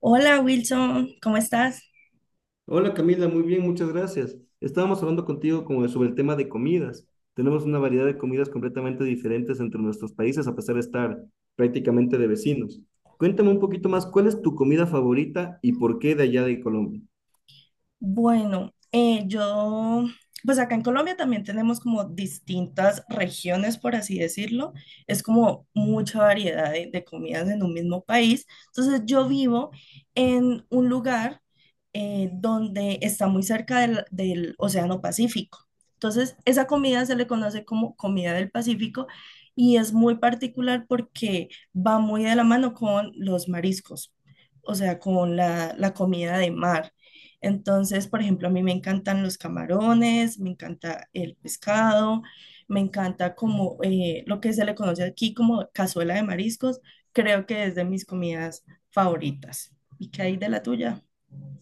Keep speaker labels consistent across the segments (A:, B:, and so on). A: Hola Wilson, ¿cómo estás?
B: Hola Camila, muy bien, muchas gracias. Estábamos hablando contigo sobre el tema de comidas. Tenemos una variedad de comidas completamente diferentes entre nuestros países a pesar de estar prácticamente de vecinos. Cuéntame un poquito más, ¿cuál es tu comida favorita y por qué de allá de Colombia?
A: Bueno, eh, yo, pues acá en Colombia también tenemos como distintas regiones, por así decirlo. Es como mucha variedad de comidas en un mismo país. Entonces yo vivo en un lugar donde está muy cerca del Océano Pacífico. Entonces esa comida se le conoce como comida del Pacífico y es muy particular porque va muy de la mano con los mariscos, o sea, con la comida de mar. Entonces, por ejemplo, a mí me encantan los camarones, me encanta el pescado, me encanta como lo que se le conoce aquí como cazuela de mariscos, creo que es de mis comidas favoritas. ¿Y qué hay de la tuya?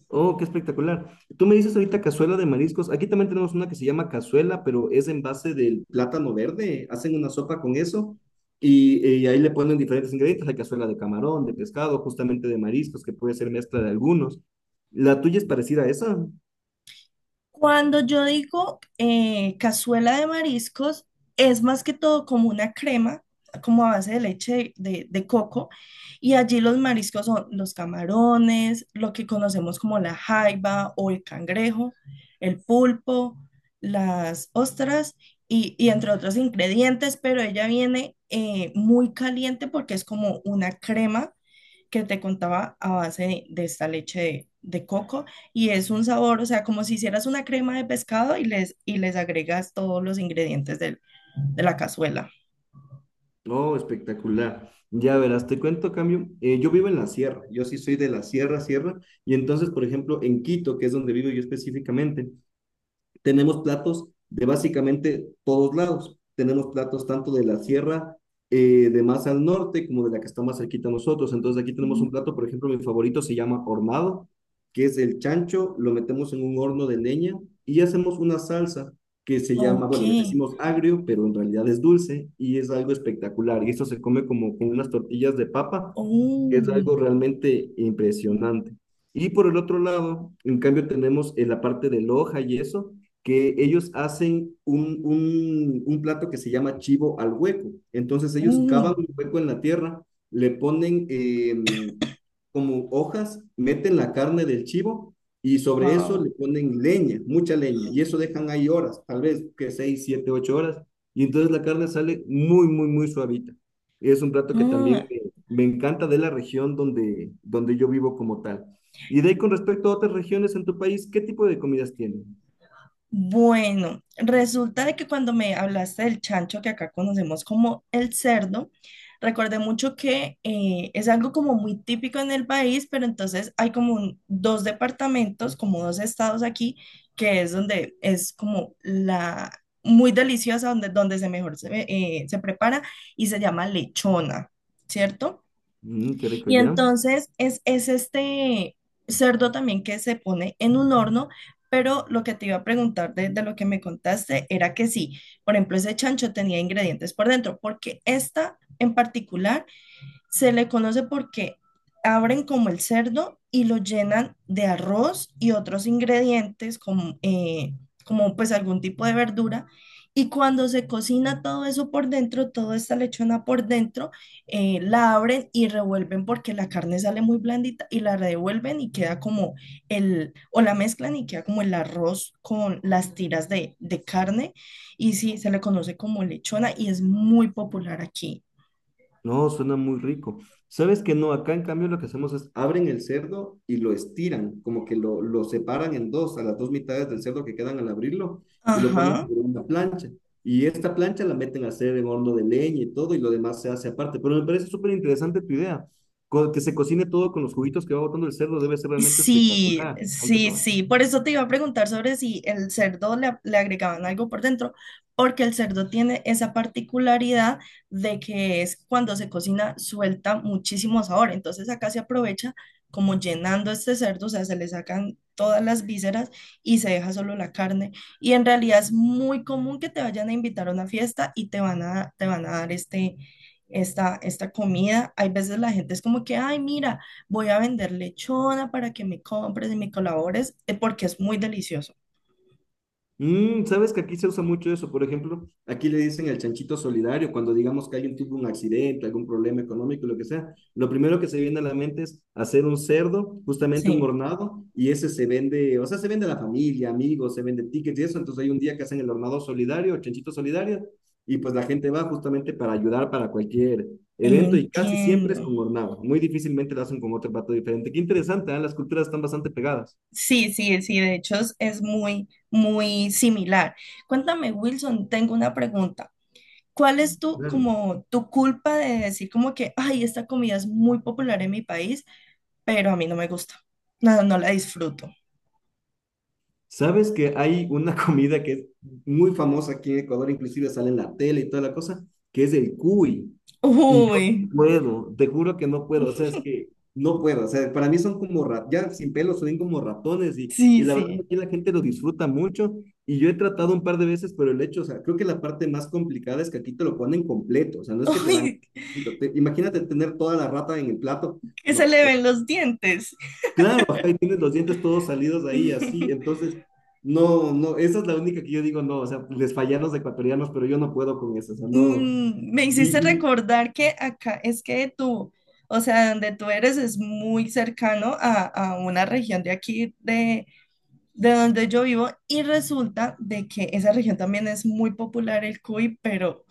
B: Oh, qué espectacular. Tú me dices ahorita cazuela de mariscos. Aquí también tenemos una que se llama cazuela, pero es en base del plátano verde. Hacen una sopa con eso y, ahí le ponen diferentes ingredientes. Hay cazuela de camarón, de pescado, justamente de mariscos, que puede ser mezcla de algunos. ¿La tuya es parecida a esa?
A: Cuando yo digo cazuela de mariscos, es más que todo como una crema, como a base de leche de coco, y allí los mariscos son los camarones, lo que conocemos como la jaiba o el cangrejo, el pulpo, las ostras y entre otros ingredientes, pero ella viene muy caliente porque es como una crema que te contaba a base de esta leche de coco y es un sabor, o sea, como si hicieras una crema de pescado y y les agregas todos los ingredientes de la cazuela.
B: Oh, espectacular. Ya verás, te cuento, cambio. Yo vivo en la sierra. Yo sí soy de la sierra, sierra. Y entonces, por ejemplo, en Quito, que es donde vivo yo específicamente, tenemos platos de básicamente todos lados. Tenemos platos tanto de la sierra de más al norte como de la que está más cerquita a nosotros. Entonces aquí tenemos
A: Mm.
B: un plato, por ejemplo, mi favorito se llama hornado, que es el chancho, lo metemos en un horno de leña y hacemos una salsa que se llama,
A: Ok.
B: bueno, le decimos agrio, pero en realidad es dulce y es algo espectacular. Y esto se come como con unas tortillas de papa, que es
A: Oh,
B: algo realmente impresionante. Y por el otro lado, en cambio, tenemos la parte de loja y eso, que ellos hacen un plato que se llama chivo al hueco. Entonces ellos
A: oh,
B: cavan un hueco en la tierra, le ponen como hojas, meten la carne del chivo y sobre eso
A: wow.
B: le ponen leña, mucha leña, y eso dejan ahí horas, tal vez que 6, 7, 8 horas, y entonces la carne sale muy, muy, muy suavita. Es un plato que también
A: Ah,
B: me encanta de la región donde, donde yo vivo como tal. Y de ahí con respecto a otras regiones en tu país, ¿qué tipo de comidas tienen?
A: bueno, resulta de que cuando me hablaste del chancho, que acá conocemos como el cerdo, recordé mucho que es algo como muy típico en el país, pero entonces hay como dos departamentos, como dos estados aquí, que es donde es como la muy deliciosa, donde, donde se mejor se, se prepara y se llama lechona, ¿cierto?
B: Mm, qué rico,
A: Y
B: ¿ya?
A: entonces es este cerdo también que se pone en un horno, pero lo que te iba a preguntar de lo que me contaste era que sí, por ejemplo, ese chancho tenía ingredientes por dentro, porque esta en particular se le conoce porque abren como el cerdo y lo llenan de arroz y otros ingredientes como pues algún tipo de verdura. Y cuando se cocina todo eso por dentro, toda esta lechona por dentro, la abren y revuelven porque la carne sale muy blandita y la revuelven y queda como el, o la mezclan y queda como el arroz con las tiras de carne. Y sí, se le conoce como lechona y es muy popular aquí.
B: No, suena muy rico. ¿Sabes que no? Acá en cambio lo que hacemos es abren el cerdo y lo estiran, como que lo separan en dos, a las dos mitades del cerdo que quedan al abrirlo y lo ponen
A: Ajá.
B: sobre una plancha. Y esta plancha la meten a hacer en horno de leña y todo y lo demás se hace aparte. Pero me parece súper interesante tu idea. Que se cocine todo con los juguitos que va botando el cerdo debe ser realmente
A: Sí,
B: espectacular. Hay que
A: sí,
B: probar.
A: sí. Por eso te iba a preguntar sobre si el cerdo le agregaban algo por dentro, porque el cerdo tiene esa particularidad de que es cuando se cocina suelta muchísimo sabor. Entonces acá se aprovecha como llenando este cerdo, o sea, se le sacan todas las vísceras y se deja solo la carne. Y en realidad es muy común que te vayan a invitar a una fiesta y te van te van a dar esta comida. Hay veces la gente es como que, ay, mira, voy a vender lechona para que me compres y me colabores, porque es muy delicioso.
B: Mm, sabes que aquí se usa mucho eso. Por ejemplo, aquí le dicen el chanchito solidario. Cuando digamos que alguien tuvo un accidente, algún problema económico, lo que sea, lo primero que se viene a la mente es hacer un cerdo, justamente un
A: Sí,
B: hornado, y ese se vende, o sea, se vende a la familia, amigos, se vende tickets y eso. Entonces hay un día que hacen el hornado solidario, el chanchito solidario, y pues la gente va justamente para ayudar para cualquier evento y casi siempre es
A: entiendo.
B: con hornado. Muy difícilmente lo hacen con otro plato diferente. Qué interesante, ¿eh? Las culturas están bastante pegadas.
A: Sí, sí, sí, de hecho es muy, muy similar. Cuéntame, Wilson, tengo una pregunta. ¿Cuál es tu,
B: Claro.
A: como, tu culpa de decir como que, ay, esta comida es muy popular en mi país, pero a mí no me gusta? No, no la disfruto.
B: ¿Sabes que hay una comida que es muy famosa aquí en Ecuador, inclusive sale en la tele y toda la cosa, que es el cuy? Y yo no
A: Uy,
B: puedo, te juro que no puedo, o sea, es que no puedo, o sea, para mí son como, ya sin pelo, son como ratones y
A: sí,
B: la verdad
A: sí.
B: aquí la gente lo disfruta mucho y yo he tratado un par de veces, pero el hecho, o sea, creo que la parte más complicada es que aquí te lo ponen completo, o sea, no es que te dan,
A: Uy,
B: poquito, imagínate tener toda la rata en el plato,
A: que se
B: no.
A: le ven los dientes.
B: Claro, ajá, y tienes los dientes todos salidos ahí, así. Entonces, no, no, esa es la única que yo digo, no, o sea, les fallan los ecuatorianos, pero yo no puedo con eso, o sea, no.
A: Mm, me hiciste
B: Y, y
A: recordar que acá es que tú, o sea, donde tú eres es muy cercano a una región de aquí, de donde yo vivo, y resulta de que esa región también es muy popular el cuy, pero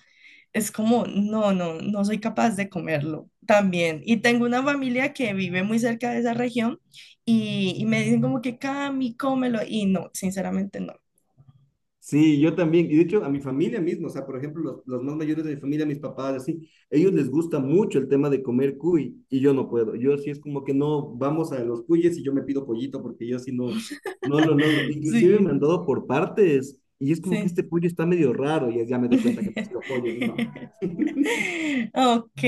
A: es como, no, no, no soy capaz de comerlo también. Y tengo una familia que vive muy cerca de esa región y me dicen como que, Cami, cómelo, y no, sinceramente no.
B: sí, yo también. Y de hecho, a mi familia mismo, o sea, por ejemplo, los más mayores de mi familia, mis papás, así, ellos les gusta mucho el tema de comer cuy, y yo no puedo. Yo sí es como que no, vamos a los cuyes y yo me pido pollito, porque yo sí no, no lo logro. Inclusive me han
A: Sí,
B: dado por partes, y es como que
A: sí.
B: este pollo está medio raro, y ya me doy cuenta que no ha sido pollo, entonces no.
A: Ok,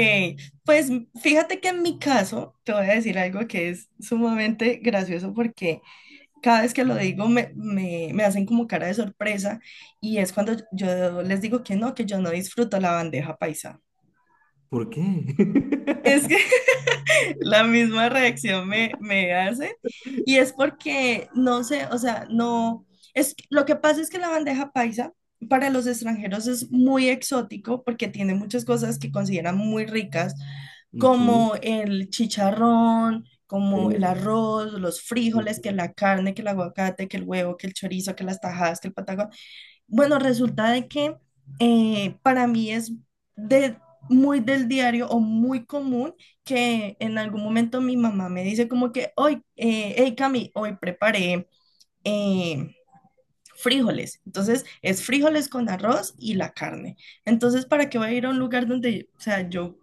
A: pues fíjate que en mi caso te voy a decir algo que es sumamente gracioso porque cada vez que lo digo me hacen como cara de sorpresa y es cuando yo les digo que no, que yo no disfruto la bandeja paisa.
B: ¿Por qué?
A: Es que la misma reacción me hace. Y es porque, no sé, o sea, no, es, lo que pasa es que la bandeja paisa para los extranjeros es muy exótico porque tiene muchas cosas que consideran muy ricas,
B: Ujú.
A: como el chicharrón, como el
B: Hermoso.
A: arroz, los frijoles, que
B: Ujú.
A: la carne, que el aguacate, que el huevo, que el chorizo, que las tajadas, que el patagón. Bueno, resulta de que para mí es de, muy del diario o muy común que en algún momento mi mamá me dice como que hoy, hey Cami, hoy preparé eh, frijoles. Entonces es frijoles con arroz y la carne. Entonces, ¿para qué voy a ir a un lugar donde, o sea, yo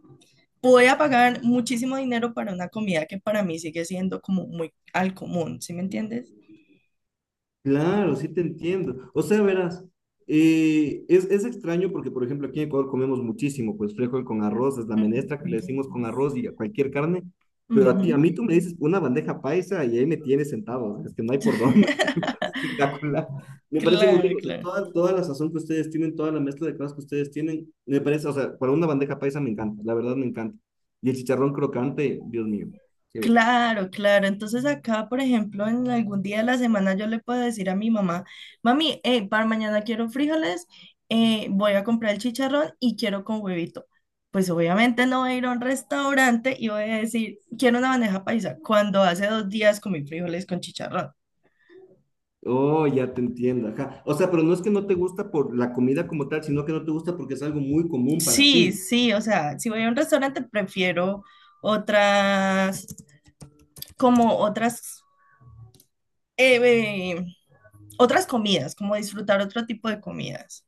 A: voy a pagar muchísimo dinero para una comida que para mí sigue siendo como muy al común, ¿sí me entiendes?
B: Claro, sí te entiendo. O sea, verás, es extraño porque, por ejemplo, aquí en Ecuador comemos muchísimo, pues frijol con arroz, es la menestra que le
A: Ujú.
B: decimos con arroz y a cualquier carne, pero a ti, a
A: Ujú.
B: mí tú me dices una bandeja paisa y ahí me tienes sentado, o sea, es que no hay por dónde, es espectacular. Me parece muy
A: Claro,
B: rico, o sea,
A: claro.
B: toda la sazón que ustedes tienen, toda la mezcla de cosas que ustedes tienen, me parece, o sea, para una bandeja paisa me encanta, la verdad me encanta. Y el chicharrón crocante, Dios mío, qué bestia.
A: Claro, claro. Entonces acá, por ejemplo, en algún día de la semana yo le puedo decir a mi mamá, mami, para mañana quiero frijoles, voy a comprar el chicharrón y quiero con huevito. Pues obviamente no voy a ir a un restaurante y voy a decir, quiero una bandeja paisa, cuando hace dos días comí frijoles con chicharrón.
B: Oh, ya te entiendo, ajá. O sea, pero no es que no te gusta por la comida como tal, sino que no te gusta porque es algo muy común para
A: Sí,
B: ti.
A: sí, o sea, si voy a un restaurante prefiero otras, otras, eh, eh, otras comidas, como disfrutar otro tipo de comidas.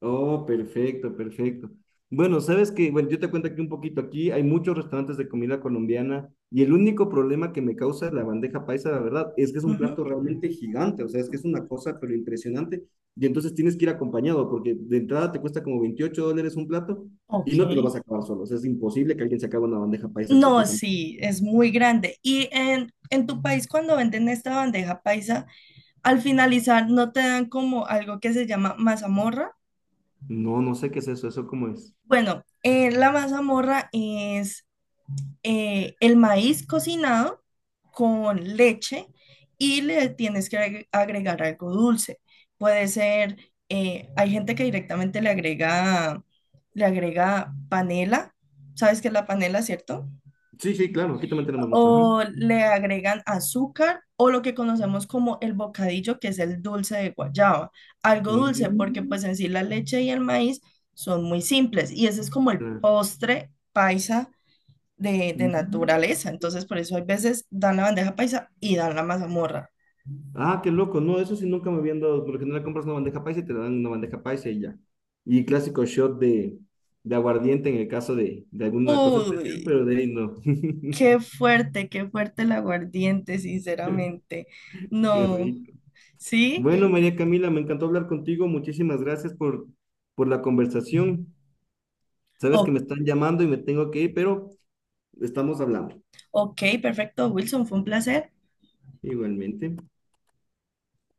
B: Oh, perfecto, perfecto. Bueno, sabes que, bueno, yo te cuento aquí un poquito, aquí hay muchos restaurantes de comida colombiana y el único problema que me causa la bandeja paisa, la verdad, es que es un plato realmente gigante, o sea, es que es una cosa pero impresionante y entonces tienes que ir acompañado porque de entrada te cuesta como $28 un plato y
A: Ok.
B: no te lo vas a acabar solo, o sea, es imposible que alguien se acabe una bandeja paisa
A: No,
B: completa.
A: sí, es muy grande. Y en tu país, cuando venden esta bandeja paisa, al finalizar no te dan como algo que se llama mazamorra.
B: No, no sé qué es eso, ¿eso cómo es?
A: Bueno, la mazamorra es el maíz cocinado con leche y le tienes que agregar algo dulce. Puede ser, hay gente que directamente le agrega panela. ¿Sabes qué es la panela, cierto?
B: Sí, sí, claro, aquí también tenemos mucho. Ajá.
A: O le agregan azúcar o lo que conocemos como el bocadillo, que es el dulce de guayaba. Algo dulce porque
B: Mm,
A: pues en sí la leche y el maíz son muy simples y ese es como el
B: claro.
A: postre paisa de
B: Mm.
A: naturaleza. Entonces por eso hay veces dan la bandeja paisa y dan la mazamorra.
B: Ah, qué loco. No, eso sí nunca me habían dado. Por lo general compras una bandeja paisa y te dan una bandeja paisa y ya. Y clásico shot de aguardiente en el caso de alguna cosa
A: Uy,
B: especial, pero de ahí no.
A: qué fuerte el aguardiente, sinceramente.
B: Qué
A: No,
B: rico.
A: ¿sí?
B: Bueno, María Camila, me encantó hablar contigo. Muchísimas gracias por la conversación. Sabes que
A: O-
B: me están llamando y me tengo que ir, pero estamos hablando.
A: ok, perfecto, Wilson, fue un placer.
B: Igualmente.